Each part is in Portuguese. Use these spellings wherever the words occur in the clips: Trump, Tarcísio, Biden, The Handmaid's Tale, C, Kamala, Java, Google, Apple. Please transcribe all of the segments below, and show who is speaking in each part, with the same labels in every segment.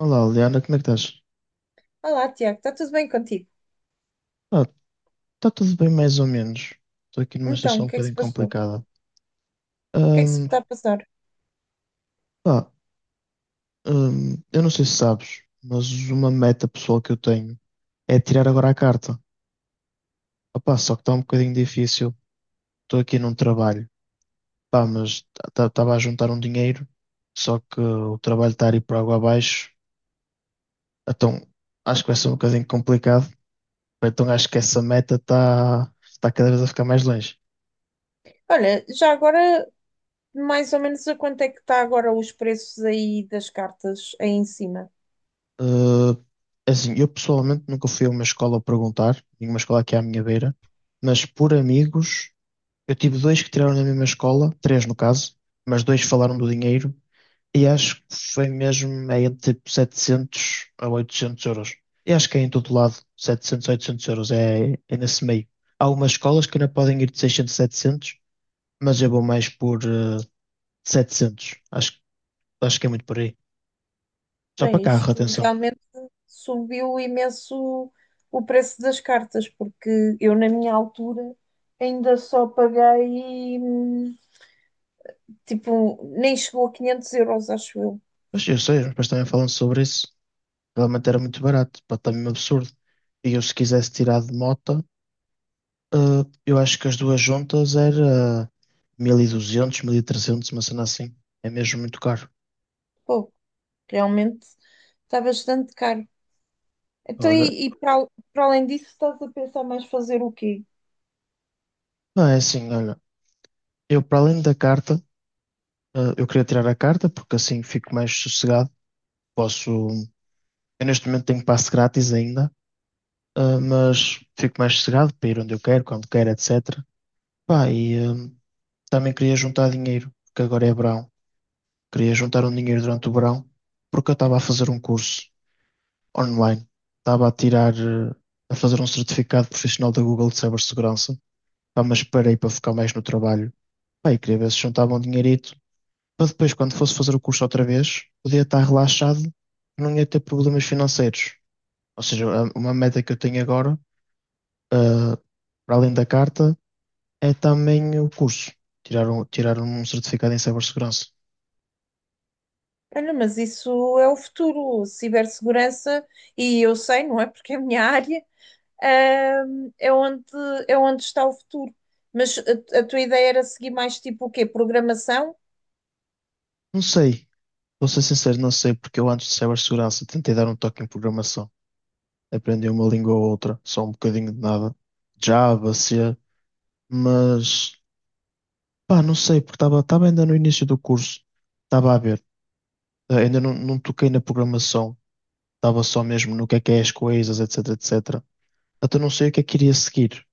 Speaker 1: Olá, Liana, como é que estás?
Speaker 2: Olá, Tiago, está tudo bem contigo?
Speaker 1: Ah, está tudo bem, mais ou menos. Estou aqui numa
Speaker 2: Então,
Speaker 1: situação
Speaker 2: o
Speaker 1: um
Speaker 2: que é que se
Speaker 1: bocadinho
Speaker 2: passou? O
Speaker 1: complicada.
Speaker 2: que é que se
Speaker 1: Ahm,
Speaker 2: está a passar?
Speaker 1: pá, eu não sei se sabes, mas uma meta pessoal que eu tenho é tirar agora a carta. Opá, só que está um bocadinho difícil. Estou aqui num trabalho, pá, mas estava a juntar um dinheiro, só que o trabalho está a ir por água abaixo. Então acho que vai ser um bocadinho complicado. Então acho que essa meta está cada vez a ficar mais longe.
Speaker 2: Olha, já agora, mais ou menos a quanto é que está agora os preços aí das cartas aí em cima?
Speaker 1: Uh, assim, eu pessoalmente nunca fui a uma escola perguntar, nenhuma escola aqui à minha beira, mas por amigos, eu tive dois que tiraram na mesma escola, três no caso, mas dois falaram do dinheiro, e acho que foi mesmo é entre tipo 700 a €800. E acho que é em todo lado, 700 a €800, é nesse meio. Há algumas escolas que ainda podem ir de 600 a 700, mas eu vou mais por 700, acho que é muito por aí. Só para
Speaker 2: Bem,
Speaker 1: carro,
Speaker 2: isto
Speaker 1: atenção.
Speaker 2: realmente subiu imenso o preço das cartas, porque eu na minha altura ainda só paguei, tipo, nem chegou a 500 euros, acho eu.
Speaker 1: Mas eu sei, os meus pais também falam sobre isso. Realmente era muito barato, pá, está mesmo absurdo. E eu, se quisesse tirar de mota, eh, eu acho que as duas juntas era 1200, 1300, uma cena assim. É mesmo muito caro.
Speaker 2: Pô, realmente está bastante caro. Então,
Speaker 1: Olha,
Speaker 2: e para além disso, estás a pensar mais fazer o quê?
Speaker 1: não é assim, olha. Eu, para além da carta, eu queria tirar a carta porque assim fico mais sossegado. Posso. Eu, neste momento, tenho passe grátis ainda, mas fico mais sossegado para ir onde eu quero, quando quero, etc. Pá, e também queria juntar dinheiro, porque agora é verão. Queria juntar um dinheiro durante o verão porque eu estava a fazer um curso online. Estava a tirar, a fazer um certificado profissional da Google de cibersegurança. Pá, mas parei para focar mais no trabalho. Pá, e queria ver se juntava um dinheirito para depois, quando fosse fazer o curso outra vez, podia estar relaxado, não ia ter problemas financeiros. Ou seja, uma meta que eu tenho agora, eh, para além da carta, é também o curso. Tirar um certificado em cibersegurança.
Speaker 2: Olha, mas isso é o futuro, cibersegurança, e eu sei, não é? Porque é a minha área, ahm, é onde, é onde está o futuro. Mas a tua ideia era seguir mais tipo o quê? Programação?
Speaker 1: Não sei. Vou ser sincero, não sei, porque eu antes de cibersegurança tentei dar um toque em programação. Aprendi uma língua ou outra, só um bocadinho de nada. Java, C, mas pá, não sei, porque estava ainda no início do curso, estava a ver. Ainda não, não toquei na programação, estava só mesmo no que é as coisas, etc, etc. Até não sei o que é que iria seguir.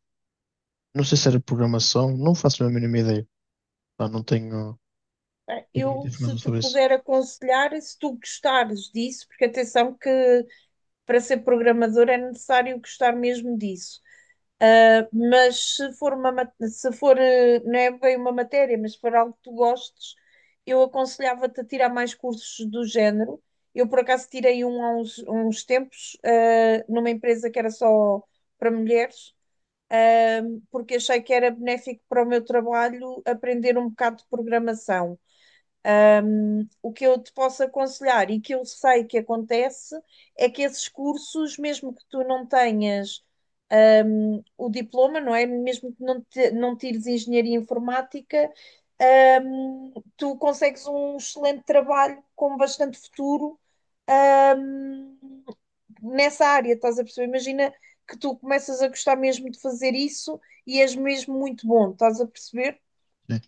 Speaker 1: Não sei se era programação, não faço a mínima ideia. Pá, não tenho, tenho muita
Speaker 2: Eu, se
Speaker 1: informação
Speaker 2: te
Speaker 1: sobre isso.
Speaker 2: puder aconselhar, se tu gostares disso, porque atenção que para ser programador é necessário gostar mesmo disso. Mas se for, não é bem uma matéria, mas se for algo que tu gostes, eu aconselhava-te a tirar mais cursos do género. Eu, por acaso, tirei um há uns tempos, numa empresa que era só para mulheres, eh, porque achei que era benéfico para o meu trabalho aprender um bocado de programação. O que eu te posso aconselhar e que eu sei que acontece é que esses cursos, mesmo que tu não tenhas o diploma, não é? Mesmo que não tires engenharia informática, tu consegues um excelente trabalho com bastante futuro, hum, nessa área, estás a perceber? Imagina que tu começas a gostar mesmo de fazer isso e és mesmo muito bom, estás a perceber?
Speaker 1: Sim.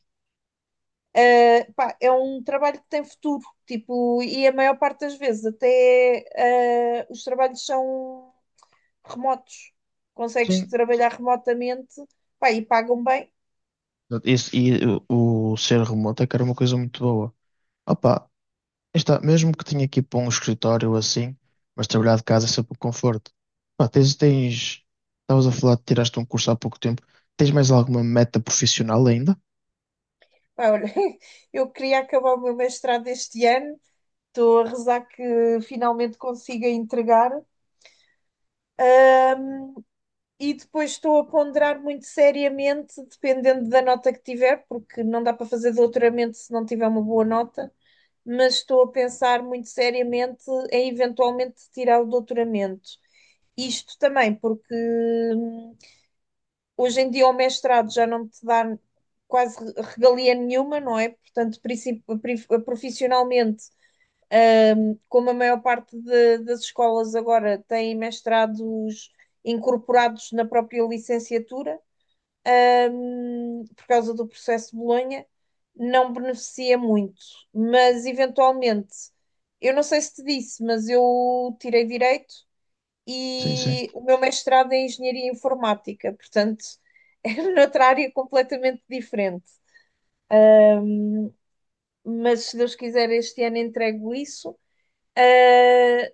Speaker 2: Ah, pá, é um trabalho que tem futuro, tipo, e a maior parte das vezes até os trabalhos são remotos. Consegues
Speaker 1: Sim.
Speaker 2: trabalhar remotamente, pá, e pagam bem.
Speaker 1: E o ser remoto é que era uma coisa muito boa. Opa, aí está, mesmo que tenha que ir para um escritório ou assim, mas trabalhar de casa é sempre um conforto. Pá, estavas a falar de tiraste um curso há pouco tempo. Tens mais alguma meta profissional ainda?
Speaker 2: Pá, olha, eu queria acabar o meu mestrado este ano, estou a rezar que finalmente consiga entregar. E depois estou a ponderar muito seriamente, dependendo da nota que tiver, porque não dá para fazer doutoramento se não tiver uma boa nota. Mas estou a pensar muito seriamente em eventualmente tirar o doutoramento. Isto também porque hum, hoje em dia o mestrado já não te dá quase regalia nenhuma, não é? Portanto, profissionalmente, como a maior parte das escolas agora têm mestrados incorporados na própria licenciatura, por causa do processo de Bolonha, não beneficia muito. Mas eventualmente, eu não sei se te disse, mas eu tirei direito
Speaker 1: Sim, sim.
Speaker 2: e o meu mestrado é em engenharia informática, portanto, é noutra área completamente diferente. Mas se Deus quiser, este ano entrego isso. Ah,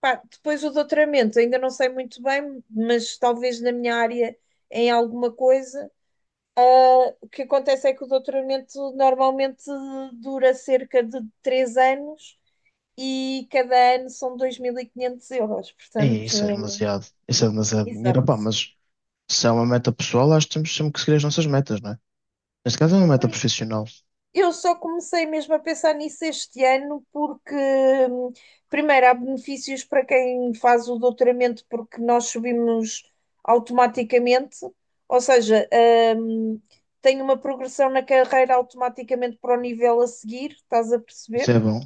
Speaker 2: pá, depois o doutoramento, ainda não sei muito bem, mas talvez na minha área em alguma coisa. O que acontece é que o doutoramento normalmente dura cerca de 3 anos e cada ano são 2500 euros.
Speaker 1: Ei,
Speaker 2: Portanto,
Speaker 1: isso é demasiado
Speaker 2: exato.
Speaker 1: dinheiro, pá, mas se é uma meta pessoal, acho que temos sempre que seguir as nossas metas, não é? Neste caso é uma meta profissional.
Speaker 2: Eu só comecei mesmo a pensar nisso este ano porque, hum, primeiro, há benefícios para quem faz o doutoramento porque nós subimos automaticamente, ou seja, hum, tem uma progressão na carreira automaticamente para o nível a seguir, estás a
Speaker 1: Isso
Speaker 2: perceber?
Speaker 1: é bom,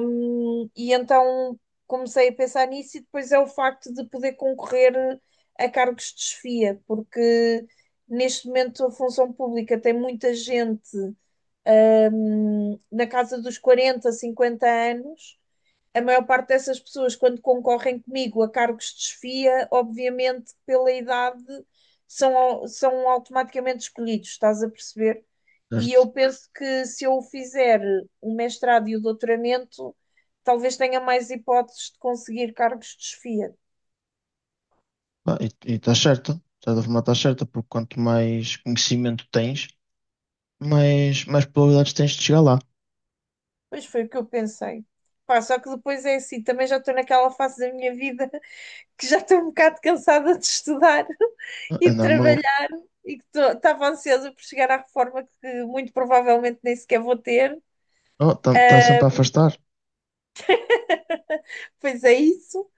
Speaker 2: E então comecei a pensar nisso, e depois é o facto de poder concorrer a cargos de chefia, porque neste momento a função pública tem muita gente, na casa dos 40, 50 anos a maior parte dessas pessoas, quando concorrem comigo a cargos de chefia, obviamente pela idade são automaticamente escolhidos, estás a perceber? E
Speaker 1: certo?
Speaker 2: eu penso que se eu fizer o mestrado e o doutoramento, talvez tenha mais hipóteses de conseguir cargos de chefia.
Speaker 1: Pá, e está certo, de certa forma está certa, porque quanto mais conhecimento tens, mais probabilidades tens de chegar lá.
Speaker 2: Pois foi o que eu pensei. Pá, só que depois é assim, também já estou naquela fase da minha vida que já estou um bocado cansada de estudar
Speaker 1: É
Speaker 2: e de
Speaker 1: normal.
Speaker 2: trabalhar. E que estava ansiosa por chegar à reforma que muito provavelmente nem sequer vou ter,
Speaker 1: Está sempre a afastar.
Speaker 2: pois é isso.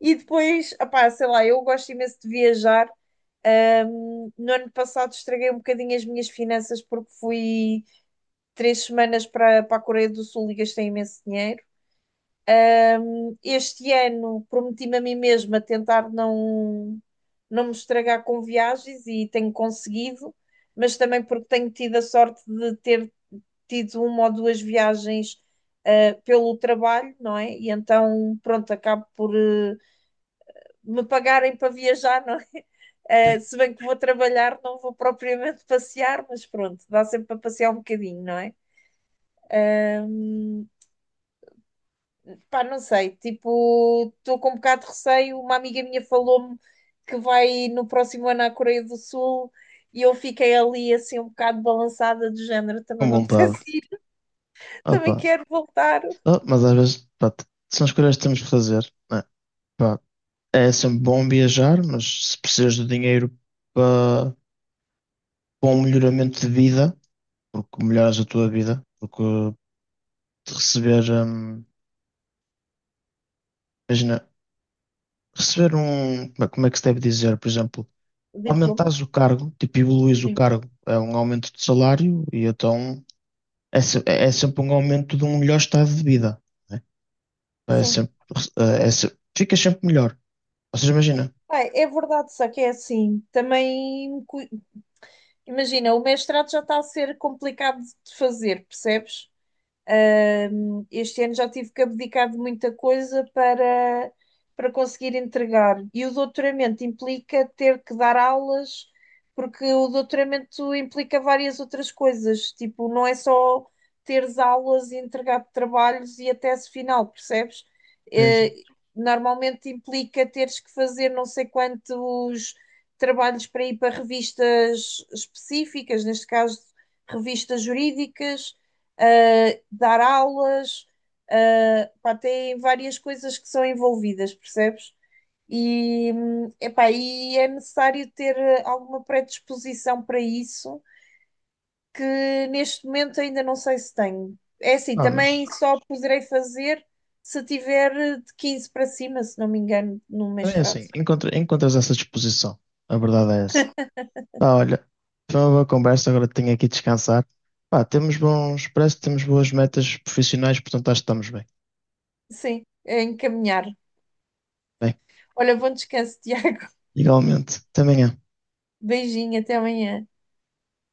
Speaker 2: E depois, opá, sei lá, eu gosto imenso de viajar. No ano passado estraguei um bocadinho as minhas finanças porque fui 3 semanas para a Coreia do Sul e gastei imenso dinheiro. Este ano prometi-me a mim mesma tentar não me estragar com viagens e tenho conseguido, mas também porque tenho tido a sorte de ter tido uma ou duas viagens pelo trabalho, não é? E então, pronto, acabo por me pagarem para viajar, não é? Se bem que vou trabalhar, não vou propriamente passear, mas pronto, dá sempre para passear um bocadinho, não é? Pá, não sei, tipo, estou com um bocado de receio. Uma amiga minha falou-me que vai no próximo ano à Coreia do Sul e eu fiquei ali assim um bocado balançada de género, também
Speaker 1: Com
Speaker 2: me
Speaker 1: vontade.
Speaker 2: apetece ir,
Speaker 1: Ah,
Speaker 2: também
Speaker 1: pá.
Speaker 2: quero voltar.
Speaker 1: Ah, mas às vezes, pá, são escolhas que temos que fazer, né? Pá, é sempre bom viajar, mas se precisas de dinheiro para para um melhoramento de vida, porque melhoras a tua vida, porque de receber, imagina, receber um, como é que se deve dizer, por exemplo,
Speaker 2: Diploma?
Speaker 1: aumentares o cargo, tipo, evoluís o
Speaker 2: Sim.
Speaker 1: cargo, é um aumento de salário e então é sempre um aumento de um melhor estado de vida, né? É
Speaker 2: Sim.
Speaker 1: sempre, ficas sempre melhor. Ou seja, imagina.
Speaker 2: Ai, é verdade, só que é assim. Também, imagina, o mestrado já está a ser complicado de fazer, percebes? Este ano já tive que abdicar de muita coisa para conseguir entregar. E o doutoramento implica ter que dar aulas, porque o doutoramento implica várias outras coisas. Tipo, não é só teres aulas e entregar trabalhos e a tese final, percebes?
Speaker 1: Sim, sim.
Speaker 2: Eh, Normalmente implica teres que fazer não sei quantos trabalhos para ir para revistas específicas, neste caso, revistas jurídicas, ah, dar aulas, ah, pá, tem várias coisas que são envolvidas, percebes? E, epá, e é necessário ter alguma predisposição para isso, que neste momento ainda não sei se tenho. É assim,
Speaker 1: Ah,
Speaker 2: também
Speaker 1: mas
Speaker 2: só poderei fazer se tiver de 15 para cima, se não me engano, no
Speaker 1: também é
Speaker 2: mestrado.
Speaker 1: assim, encontras essa disposição. A verdade é essa. Pá, olha, foi uma boa conversa, agora tenho aqui de descansar. Pá, parece que temos boas metas profissionais, portanto acho que estamos bem.
Speaker 2: Sim, é encaminhar.
Speaker 1: Bem,
Speaker 2: Olha, bom descanso, Tiago.
Speaker 1: igualmente. Até amanhã.
Speaker 2: Beijinho, até amanhã.